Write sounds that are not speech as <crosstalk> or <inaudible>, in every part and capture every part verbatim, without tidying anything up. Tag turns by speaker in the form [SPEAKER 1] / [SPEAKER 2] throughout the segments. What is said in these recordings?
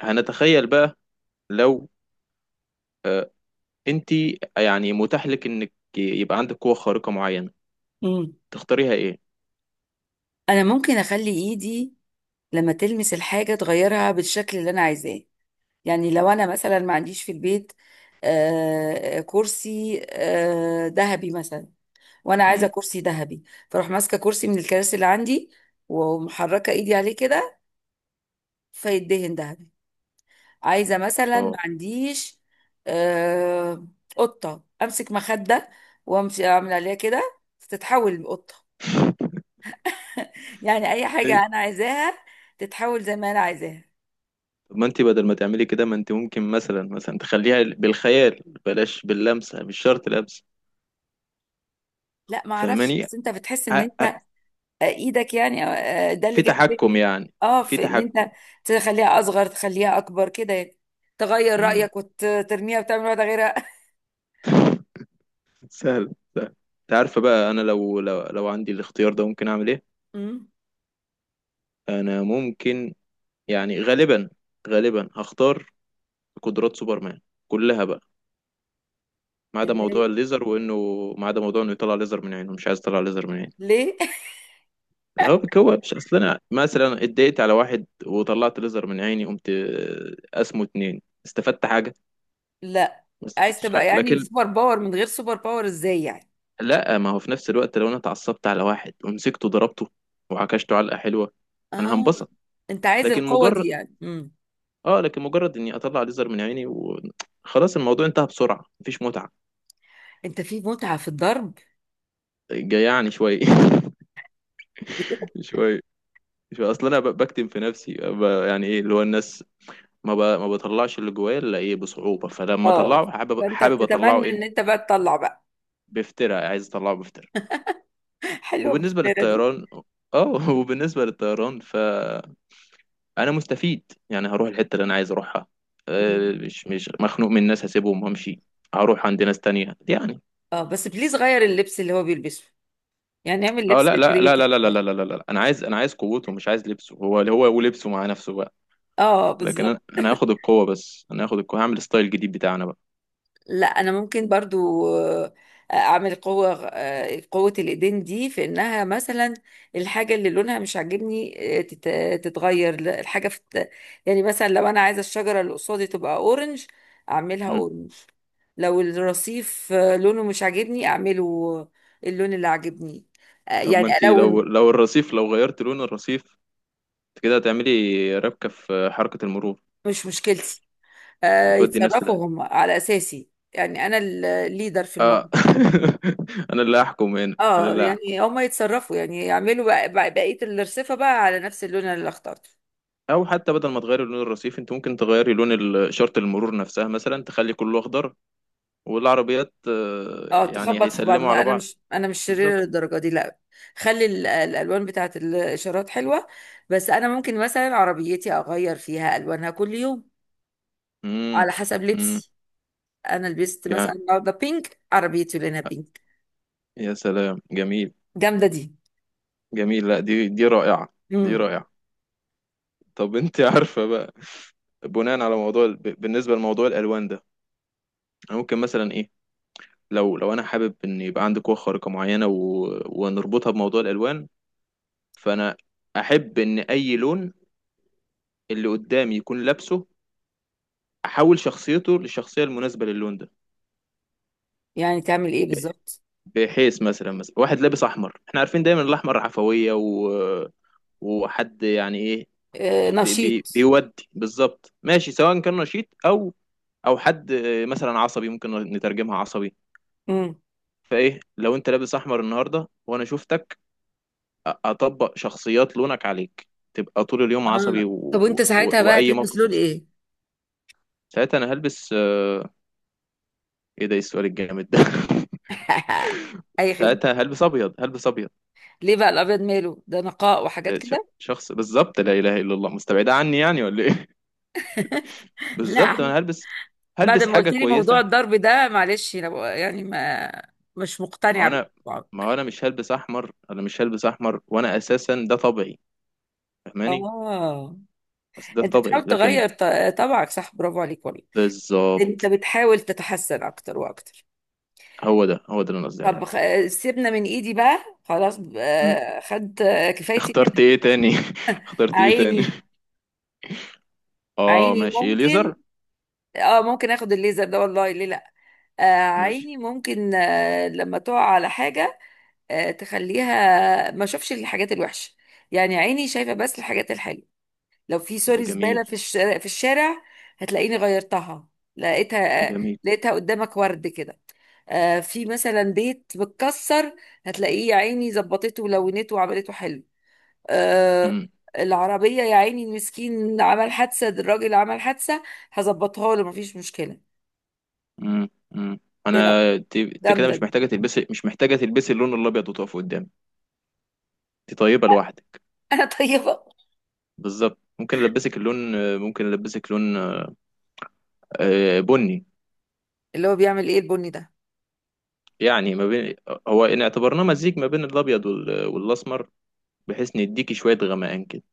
[SPEAKER 1] هنتخيل بقى لو انت يعني متاح لك انك يبقى عندك قوة خارقة معينة
[SPEAKER 2] مم.
[SPEAKER 1] تختاريها ايه؟
[SPEAKER 2] انا ممكن اخلي ايدي لما تلمس الحاجه تغيرها بالشكل اللي انا عايزاه. يعني لو انا مثلا ما عنديش في البيت آه كرسي آه ذهبي مثلا، وانا عايزه
[SPEAKER 1] امم
[SPEAKER 2] كرسي ذهبي، فاروح ماسكه كرسي من الكراسي اللي عندي ومحركه ايدي عليه كده فيدهن ذهبي. عايزه مثلا ما
[SPEAKER 1] اه.
[SPEAKER 2] عنديش آه قطه، امسك مخده وامشي اعمل عليها كده تتحول لقطه. يعني اي
[SPEAKER 1] إيه؟
[SPEAKER 2] حاجه انا عايزاها تتحول زي ما انا عايزاها.
[SPEAKER 1] طب ما انت بدل ما تعملي كده، ما انت ممكن مثلا مثلا تخليها بالخيال، بلاش باللمسة، مش شرط لمسة.
[SPEAKER 2] لا ما اعرفش،
[SPEAKER 1] فاهماني؟
[SPEAKER 2] بس انت بتحس ان
[SPEAKER 1] ع-
[SPEAKER 2] انت
[SPEAKER 1] ع-
[SPEAKER 2] آه، ايدك يعني آه، آه، ده اللي
[SPEAKER 1] في
[SPEAKER 2] جاب
[SPEAKER 1] تحكم
[SPEAKER 2] ذهني.
[SPEAKER 1] يعني،
[SPEAKER 2] اه،
[SPEAKER 1] في
[SPEAKER 2] في ان
[SPEAKER 1] تحكم.
[SPEAKER 2] انت تخليها اصغر تخليها اكبر كده يعني، تغير
[SPEAKER 1] امم.
[SPEAKER 2] رايك وترميها وتعمل واحده غيرها.
[SPEAKER 1] سهل سهل. انت عارفة بقى انا لو لو لو عندي الاختيار ده ممكن اعمل ايه؟
[SPEAKER 2] امم
[SPEAKER 1] انا ممكن يعني غالبا، غالبا هختار قدرات سوبرمان كلها بقى. ما
[SPEAKER 2] <laughs>
[SPEAKER 1] عدا
[SPEAKER 2] اللي
[SPEAKER 1] موضوع
[SPEAKER 2] هي-
[SPEAKER 1] الليزر وانه، ما عدا موضوع انه يطلع ليزر من عينه، مش عايز يطلع ليزر من عينه.
[SPEAKER 2] ليه؟
[SPEAKER 1] اللي هو بيكوى، مش اصل انا مثلا اتضايقت على واحد وطلعت ليزر من عيني، قمت آه، اسمه اتنين استفدت حاجة؟
[SPEAKER 2] <laughs> لا،
[SPEAKER 1] ما
[SPEAKER 2] عايز
[SPEAKER 1] استفدتش
[SPEAKER 2] تبقى
[SPEAKER 1] حاجة.
[SPEAKER 2] يعني
[SPEAKER 1] لكن
[SPEAKER 2] سوبر باور من غير سوبر باور ازاي يعني؟
[SPEAKER 1] لا، ما هو في نفس الوقت لو انا اتعصبت على واحد ومسكته ضربته وعكشته علقة حلوة، انا
[SPEAKER 2] اه،
[SPEAKER 1] هنبسط.
[SPEAKER 2] انت عايز
[SPEAKER 1] لكن
[SPEAKER 2] القوه
[SPEAKER 1] مجرد،
[SPEAKER 2] دي يعني. امم،
[SPEAKER 1] اه لكن مجرد اني اطلع ليزر من عيني وخلاص، الموضوع انتهى بسرعة، مفيش متعة.
[SPEAKER 2] انت في متعه في الضرب؟
[SPEAKER 1] جيعني شوية. <laughs>
[SPEAKER 2] <laughs>
[SPEAKER 1] شوية. شوية، اصل انا ب- بكتم في نفسي، ب- يعني ايه اللي هو الناس، ما ب... ما بطلعش اللي جوايا الا ايه، بصعوبة. فلما
[SPEAKER 2] اه،
[SPEAKER 1] اطلعه حابب،
[SPEAKER 2] فانت
[SPEAKER 1] حابب اطلعه
[SPEAKER 2] بتتمنى
[SPEAKER 1] ايه،
[SPEAKER 2] ان انت بقى تطلع بقى.
[SPEAKER 1] بافتراء، عايز اطلعه بافتراء.
[SPEAKER 2] <laughs> حلوه
[SPEAKER 1] وبالنسبة
[SPEAKER 2] الفكره دي.
[SPEAKER 1] للطيران، اه <laughs> وبالنسبة للطيران فانا مستفيد، يعني هروح الحتة اللي انا عايز اروحها. آه،
[SPEAKER 2] مم.
[SPEAKER 1] مش مش مخنوق من الناس، هسيبهم وامشي. هروح عند ناس تانية يعني.
[SPEAKER 2] اه، بس بليز غير اللبس اللي هو بيلبسه، يعني نعمل
[SPEAKER 1] اه،
[SPEAKER 2] لبس
[SPEAKER 1] لا لا لا لا
[SPEAKER 2] كرييتيف.
[SPEAKER 1] لا لا لا لا لا لا. انا عايز، انا عايز قوته، مش عايز لبسه. هو هو ولبسه مع نفسه بقى.
[SPEAKER 2] اه
[SPEAKER 1] لكن
[SPEAKER 2] بالظبط.
[SPEAKER 1] انا، انا هاخد القوة، بس انا هاخد القوة هعمل ستايل جديد بتاعنا بقى.
[SPEAKER 2] لا انا ممكن برضو آه، اعمل قوة، آه، قوة الايدين دي في انها مثلا الحاجة اللي لونها مش عاجبني آه، تت- تتغير. لا، الحاجة في الت- يعني مثلا لو انا عايزة الشجرة اللي قصادي تبقى اورنج، اعملها
[SPEAKER 1] مم.
[SPEAKER 2] اورنج. لو الرصيف آه، لونه مش عاجبني، اعمله اللون اللي عاجبني. آه،
[SPEAKER 1] طب
[SPEAKER 2] يعني
[SPEAKER 1] ما انت، لو
[SPEAKER 2] الون.
[SPEAKER 1] لو الرصيف، لو غيرت لون الرصيف انت كده هتعملي ربكة في حركة المرور.
[SPEAKER 2] مش مشكلتي. آه،
[SPEAKER 1] هتودي الناس في ده.
[SPEAKER 2] يتصرفوا هم على اساسي. يعني انا الليدر في
[SPEAKER 1] اه.
[SPEAKER 2] الموضوع.
[SPEAKER 1] <laughs> انا اللي هحكم هنا، انا
[SPEAKER 2] اه،
[SPEAKER 1] اللي هحكم.
[SPEAKER 2] يعني هما يتصرفوا، يعني يعملوا بق- بق- بقية الرصيفة بقى على نفس اللون اللي اخترته.
[SPEAKER 1] او حتى بدل ما تغيري لون الرصيف، انت ممكن تغيري لون ال- اشارة المرور نفسها، مثلا تخلي كله اخضر، والعربيات آه،
[SPEAKER 2] اه
[SPEAKER 1] يعني
[SPEAKER 2] تخبط في بعض.
[SPEAKER 1] هيسلموا
[SPEAKER 2] لا
[SPEAKER 1] على
[SPEAKER 2] انا
[SPEAKER 1] بعض.
[SPEAKER 2] مش انا مش شريرة
[SPEAKER 1] بالظبط.
[SPEAKER 2] للدرجة دي، لا. خلي ال- الالوان بتاعت الاشارات حلوة. بس انا ممكن مثلا عربيتي اغير فيها الوانها كل يوم
[SPEAKER 1] امم.
[SPEAKER 2] على حسب
[SPEAKER 1] امم.
[SPEAKER 2] لبسي. انا لبست
[SPEAKER 1] يعني
[SPEAKER 2] مثلا النهارده بينك، عربيتي لونها بينك.
[SPEAKER 1] يا سلام، جميل.
[SPEAKER 2] جامدة دي.
[SPEAKER 1] جميل. لا، دي، دي رائعة. دي
[SPEAKER 2] امم،
[SPEAKER 1] رائعة. طب انت عارفة بقى، بناء على موضوع ال- بالنسبة لموضوع الالوان ده، أنا ممكن مثلا ايه، لو لو انا حابب ان يبقى عندي قوه خارقه معينه، و... ونربطها بموضوع الالوان. فانا احب ان اي لون اللي قدامي يكون لابسه، احول شخصيته للشخصيه المناسبه للون ده.
[SPEAKER 2] يعني تعمل ايه بالظبط؟
[SPEAKER 1] بحيث مثلا، مثلا واحد لابس احمر، احنا عارفين دايما الاحمر عفويه، و... وحد يعني ايه،
[SPEAKER 2] آه
[SPEAKER 1] بي... بي...
[SPEAKER 2] نشيط.
[SPEAKER 1] بيودي بالظبط. ماشي، سواء كان نشيط او، او حد مثلا عصبي، ممكن نترجمها عصبي.
[SPEAKER 2] امم.
[SPEAKER 1] فايه لو انت لابس احمر النهارده وانا شفتك، اطبق شخصيات لونك عليك، تبقى طول اليوم عصبي،
[SPEAKER 2] اه، طب
[SPEAKER 1] و... و...
[SPEAKER 2] وانت ساعتها بقى
[SPEAKER 1] واي
[SPEAKER 2] تلبس
[SPEAKER 1] موقف
[SPEAKER 2] لون
[SPEAKER 1] يحصل
[SPEAKER 2] ايه؟
[SPEAKER 1] ساعتها انا هلبس آه، ايه ده؟ إيه السؤال الجامد ده؟
[SPEAKER 2] <laughs>
[SPEAKER 1] <laughs>
[SPEAKER 2] اي خدمة.
[SPEAKER 1] ساعتها هلبس ابيض. هلبس ابيض.
[SPEAKER 2] ليه بقى؟ الابيض ماله؟ ده نقاء وحاجات
[SPEAKER 1] آه، ش-
[SPEAKER 2] كده.
[SPEAKER 1] شخص بالظبط لا اله الا الله مستبعده عني يعني، ولا ايه؟ <laughs>
[SPEAKER 2] <laughs>
[SPEAKER 1] بالظبط،
[SPEAKER 2] لا،
[SPEAKER 1] انا هلبس
[SPEAKER 2] بعد
[SPEAKER 1] هلبس
[SPEAKER 2] ما
[SPEAKER 1] حاجه
[SPEAKER 2] قلت لي موضوع
[SPEAKER 1] كويسه.
[SPEAKER 2] الضرب ده، معلش انا بقى- يعني ما مش
[SPEAKER 1] ما هو
[SPEAKER 2] مقتنعه
[SPEAKER 1] انا،
[SPEAKER 2] بالموضوع.
[SPEAKER 1] ما هو انا مش هلبس احمر. انا مش هلبس احمر، وانا اساسا ده طبيعي. فاهماني؟
[SPEAKER 2] اه
[SPEAKER 1] بس ده
[SPEAKER 2] انت
[SPEAKER 1] طبيعي
[SPEAKER 2] بتحاول
[SPEAKER 1] لكن.
[SPEAKER 2] تغير ط- طبعك، صح، برافو عليك والله. انت
[SPEAKER 1] بالظبط.
[SPEAKER 2] بتحاول تتحسن اكتر واكتر.
[SPEAKER 1] هو ده، هو ده اللي انا قصدي
[SPEAKER 2] طب
[SPEAKER 1] عليه.
[SPEAKER 2] خ- سيبنا من ايدي بقى، خلاص،
[SPEAKER 1] مم.
[SPEAKER 2] آه، خدت آه، كفايتي منها.
[SPEAKER 1] اخترت ايه تاني؟ <laughs> اخترت ايه تاني؟
[SPEAKER 2] عيني.
[SPEAKER 1] اه
[SPEAKER 2] عيني
[SPEAKER 1] ماشي، ايه،
[SPEAKER 2] ممكن.
[SPEAKER 1] ليزر،
[SPEAKER 2] اه ممكن اخد الليزر ده، والله ليه لا. آه،
[SPEAKER 1] ماشي.
[SPEAKER 2] عيني ممكن، آه، لما تقع على حاجة آه، تخليها ما اشوفش الحاجات الوحشه، يعني عيني شايفه بس الحاجات الحلوه. لو في
[SPEAKER 1] ده
[SPEAKER 2] سوري
[SPEAKER 1] جميل.
[SPEAKER 2] زباله في الشارع في الشارع هتلاقيني غيرتها، لقيتها آه،
[SPEAKER 1] جميل.
[SPEAKER 2] لقيتها قدامك ورد كده. آه، في مثلا بيت متكسر، هتلاقيه يا عيني ظبطته ولونته وعملته حلو. آه،
[SPEAKER 1] امم.
[SPEAKER 2] العربية يا عيني المسكين، عمل حادثة، الراجل عمل حادثة، هظبطها له مفيش مشكلة.
[SPEAKER 1] امم. امم. انا،
[SPEAKER 2] ايه رأيك؟
[SPEAKER 1] ت- انت كده
[SPEAKER 2] جامدة
[SPEAKER 1] مش
[SPEAKER 2] دي.
[SPEAKER 1] محتاجه تلبسي، مش محتاجه تلبسي اللون الابيض وتقف قدامي. انت طيبه لوحدك.
[SPEAKER 2] <laughs> انا طيبة.
[SPEAKER 1] بالظبط. ممكن البسك اللون، ممكن البسك لون آه، بني.
[SPEAKER 2] اللي هو بيعمل ايه البني ده؟
[SPEAKER 1] يعني ما بين، هو ان اعتبرناه مزيج ما بين الابيض وال- والاسمر، بحيث نديكي شويه غمقان كده.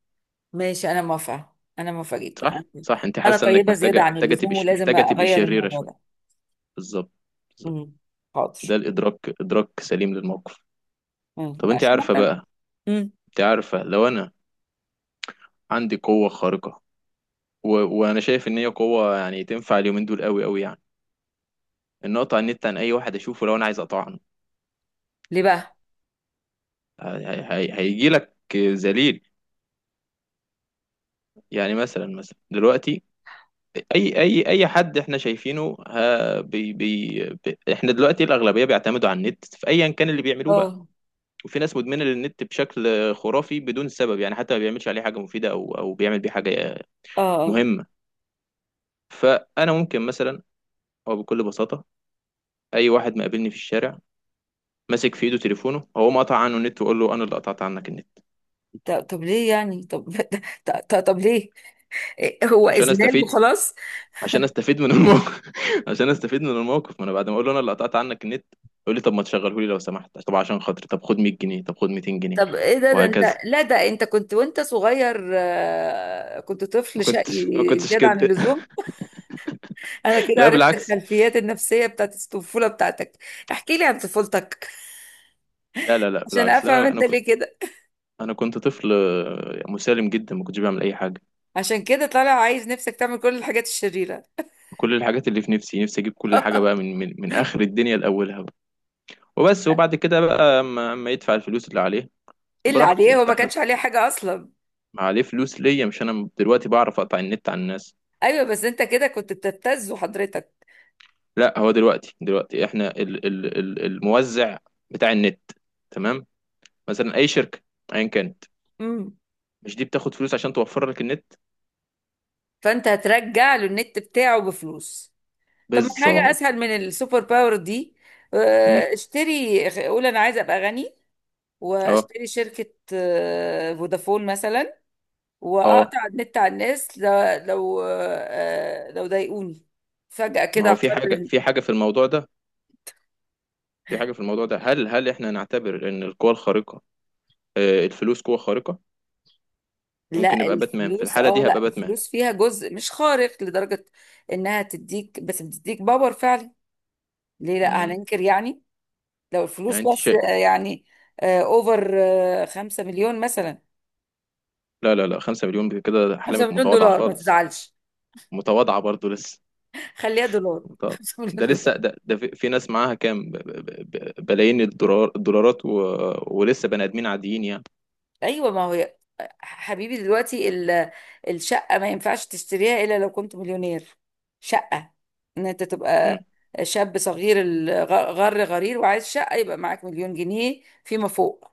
[SPEAKER 2] ماشي، انا موافقه انا موافقه جدا. انا
[SPEAKER 1] صح. صح، انت
[SPEAKER 2] أنا
[SPEAKER 1] حاسه انك
[SPEAKER 2] طيبه زياده
[SPEAKER 1] محتاجه،
[SPEAKER 2] عن
[SPEAKER 1] محتاجه
[SPEAKER 2] اللزوم،
[SPEAKER 1] تبقي ش-
[SPEAKER 2] ولازم
[SPEAKER 1] محتاجه تبقي
[SPEAKER 2] اغير
[SPEAKER 1] شريره
[SPEAKER 2] الموضوع
[SPEAKER 1] شويه.
[SPEAKER 2] ده.
[SPEAKER 1] بالظبط. بالظبط.
[SPEAKER 2] امم. حاضر.
[SPEAKER 1] ده الادراك، ادراك سليم للموقف.
[SPEAKER 2] مم.
[SPEAKER 1] طب انت
[SPEAKER 2] عشان
[SPEAKER 1] عارفه
[SPEAKER 2] أنا-
[SPEAKER 1] بقى،
[SPEAKER 2] امم.
[SPEAKER 1] انت عارفه لو انا عندي قوة خارقة، و... وانا شايف ان هي قوة يعني تنفع اليومين دول، قوي قوي يعني، ان اقطع النت عن اي واحد اشوفه لو انا عايز اقطع عنه.
[SPEAKER 2] ليه بقى؟
[SPEAKER 1] هيجي لك ذليل. يعني مثلا، مثلا دلوقتي اي اي اي حد احنا شايفينه، ها بي بي بي، احنا دلوقتي الاغلبية بيعتمدوا على النت في ايا كان اللي بيعملوه بقى.
[SPEAKER 2] اه.
[SPEAKER 1] وفي ناس مدمنة للنت بشكل خرافي، بدون سبب يعني، حتى ما بيعملش عليه حاجة مفيدة او، او بيعمل بيه حاجة
[SPEAKER 2] اه. آه.
[SPEAKER 1] مهمة. فانا ممكن مثلا، او بكل بساطة اي واحد مقابلني في الشارع ماسك في ايده تليفونه، هو قطع عنه النت وقول له انا اللي قطعت عنك النت.
[SPEAKER 2] ط- طب ليه يعني؟ طب <laughs> طب, طب ليه؟ إيه، هو
[SPEAKER 1] عشان
[SPEAKER 2] اذلال
[SPEAKER 1] استفيد،
[SPEAKER 2] وخلاص؟
[SPEAKER 1] عشان استفيد من الموقف <laughs> عشان استفيد من الموقف. ما انا بعد ما اقول له انا اللي قطعت عنك النت، يقول لي طب ما تشغله لي لو سمحت، طب عشان خاطري، طب خد مية جنيه، طب خد ميتين جنيه،
[SPEAKER 2] طب ايه ده؟ ده
[SPEAKER 1] وهكذا.
[SPEAKER 2] انت لا ده انت كنت وانت صغير آه، كنت
[SPEAKER 1] ما
[SPEAKER 2] طفل شقي
[SPEAKER 1] كنتش ما كنتش
[SPEAKER 2] زياده عن
[SPEAKER 1] كده.
[SPEAKER 2] اللزوم. <laughs> انا
[SPEAKER 1] <laughs>
[SPEAKER 2] كده
[SPEAKER 1] لا
[SPEAKER 2] عرفت
[SPEAKER 1] بالعكس.
[SPEAKER 2] الخلفيات النفسيه بتاعت الطفوله بتاعتك. احكي لي عن طفولتك
[SPEAKER 1] لا لا لا
[SPEAKER 2] عشان
[SPEAKER 1] بالعكس ده
[SPEAKER 2] افهم
[SPEAKER 1] انا، انا
[SPEAKER 2] انت
[SPEAKER 1] كنت
[SPEAKER 2] ليه كده.
[SPEAKER 1] انا كنت طفل آه، مسالم جدا، ما كنتش بعمل اي حاجه.
[SPEAKER 2] عشان كده طالع عايز نفسك تعمل كل الحاجات الشريرة.
[SPEAKER 1] كل الحاجات اللي في نفسي، نفسي اجيب كل حاجه بقى
[SPEAKER 2] <laughs>
[SPEAKER 1] من من, من اخر الدنيا لاولها بقى. وبس. وبعد كده بقى اما أما يدفع الفلوس اللي عليه،
[SPEAKER 2] ايه اللي
[SPEAKER 1] براحتي
[SPEAKER 2] عليه؟ هو ما
[SPEAKER 1] افتح.
[SPEAKER 2] كانش عليه حاجة اصلا.
[SPEAKER 1] ما عليه فلوس ليا؟ مش انا دلوقتي بعرف اقطع النت عن الناس؟
[SPEAKER 2] ايوه بس انت كده كنت بتبتزه حضرتك.
[SPEAKER 1] لا، هو دلوقتي دلوقتي احنا ال ال ال الموزع بتاع النت، تمام، مثلا اي شركه، ايا كانت،
[SPEAKER 2] امم.
[SPEAKER 1] مش دي بتاخد فلوس عشان توفر لك النت؟
[SPEAKER 2] فانت هترجع له النت بتاعه بفلوس. طب ما حاجة
[SPEAKER 1] بالظبط.
[SPEAKER 2] اسهل من السوبر باور دي.
[SPEAKER 1] مم.
[SPEAKER 2] آه، اشتري، قول انا عايزة ابقى غني،
[SPEAKER 1] اه.
[SPEAKER 2] واشتري شركة آه، فودافون مثلا،
[SPEAKER 1] اه.
[SPEAKER 2] واقطع النت على الناس ل- لو آه، لو ضايقوني، فجأة
[SPEAKER 1] ما
[SPEAKER 2] كده
[SPEAKER 1] هو في حاجه،
[SPEAKER 2] اقرر.
[SPEAKER 1] في حاجه في الموضوع ده في حاجه في الموضوع ده. هل هل احنا نعتبر ان القوه الخارقه، آه الفلوس، قوه خارقه؟
[SPEAKER 2] لا
[SPEAKER 1] ممكن نبقى باتمان في
[SPEAKER 2] الفلوس،
[SPEAKER 1] الحاله
[SPEAKER 2] اه
[SPEAKER 1] دي، هبقى
[SPEAKER 2] لا
[SPEAKER 1] باتمان.
[SPEAKER 2] الفلوس فيها جزء مش خارق لدرجة انها تديك، بس بتديك باور فعلا. ليه لا؟
[SPEAKER 1] مم.
[SPEAKER 2] هننكر يعني؟ لو
[SPEAKER 1] يعني
[SPEAKER 2] الفلوس
[SPEAKER 1] انت
[SPEAKER 2] بس
[SPEAKER 1] شيء.
[SPEAKER 2] آه، يعني اوفر، خمسة مليون مثلا.
[SPEAKER 1] لا لا لا، 5 مليون كده
[SPEAKER 2] خمسة
[SPEAKER 1] احلامك
[SPEAKER 2] مليون
[SPEAKER 1] متواضعه
[SPEAKER 2] دولار ما
[SPEAKER 1] خالص.
[SPEAKER 2] تزعلش.
[SPEAKER 1] متواضعه برضو لسه.
[SPEAKER 2] <laughs> خليها دولار. <laughs>
[SPEAKER 1] طب
[SPEAKER 2] خمسة مليون
[SPEAKER 1] ده
[SPEAKER 2] دولار.
[SPEAKER 1] لسه، ده, ده في في ناس معاها كام، ب- ب- ب- بلايين الدولار، الدولارات، و... ولسه بني ادمين عاديين يعني.
[SPEAKER 2] ايوه ما هو ي- حبيبي دلوقتي ال- الشقة ما ينفعش تشتريها الا لو كنت مليونير. شقة، ان انت
[SPEAKER 1] امم.
[SPEAKER 2] تبقى شاب صغير الغ- غر غرير وعايز شقة، يبقى معاك مليون جنيه فيما فوق.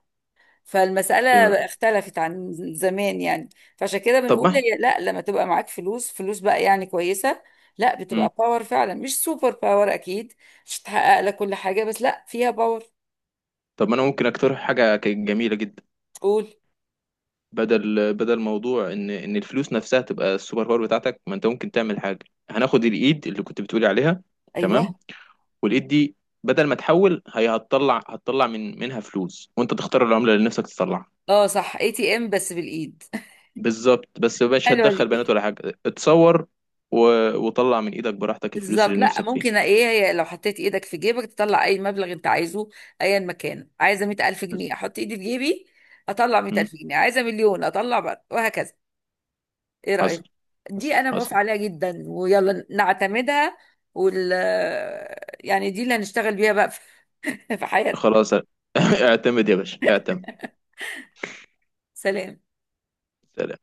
[SPEAKER 2] فالمسألة
[SPEAKER 1] فيما-.
[SPEAKER 2] اختلفت عن زمان يعني. فعشان كده
[SPEAKER 1] طب
[SPEAKER 2] بنقول،
[SPEAKER 1] ما
[SPEAKER 2] هي لا، لما تبقى معاك فلوس، فلوس بقى يعني كويسة، لا
[SPEAKER 1] امم،
[SPEAKER 2] بتبقى باور فعلا، مش سوبر باور أكيد. مش هتحقق لك كل حاجة، بس لا فيها باور.
[SPEAKER 1] طب ما انا ممكن اقترح حاجه كانت جميله جدا.
[SPEAKER 2] تقول.
[SPEAKER 1] بدل بدل موضوع ان، ان الفلوس نفسها تبقى السوبر باور بتاعتك، ما انت ممكن تعمل حاجه، هناخد الايد اللي كنت بتقولي عليها،
[SPEAKER 2] أيوه.
[SPEAKER 1] تمام، والايد دي بدل ما تحول، هي هتطلع، هتطلع من منها فلوس، وانت تختار العمله اللي نفسك تطلعها.
[SPEAKER 2] اه صح، اي تي ام بس بالإيد.
[SPEAKER 1] بالظبط،
[SPEAKER 2] <laughs>
[SPEAKER 1] بس مش
[SPEAKER 2] حلوة
[SPEAKER 1] هتدخل
[SPEAKER 2] دي.
[SPEAKER 1] بنات ولا حاجه، اتصور. و... وطلع من ايدك براحتك الفلوس
[SPEAKER 2] بالظبط.
[SPEAKER 1] اللي
[SPEAKER 2] لا
[SPEAKER 1] نفسك فيها.
[SPEAKER 2] ممكن ايه، هي لو حطيت ايدك في جيبك تطلع اي مبلغ انت عايزه، ايا مكان، عايزه مية الف جنيه احط ايدي في جيبي اطلع
[SPEAKER 1] مم.
[SPEAKER 2] مية الف جنيه، عايزه مليون اطلع بقى، وهكذا. ايه
[SPEAKER 1] حصل،
[SPEAKER 2] رأيك؟ دي
[SPEAKER 1] حصل،
[SPEAKER 2] انا موافقة
[SPEAKER 1] حصل.
[SPEAKER 2] عليها جدا، ويلا نعتمدها. وال، يعني دي اللي هنشتغل بيها بقى في <laughs> في حياتنا.
[SPEAKER 1] خلاص، <laughs> اعتمد يا باشا، اعتمد.
[SPEAKER 2] سلام.
[SPEAKER 1] سلام.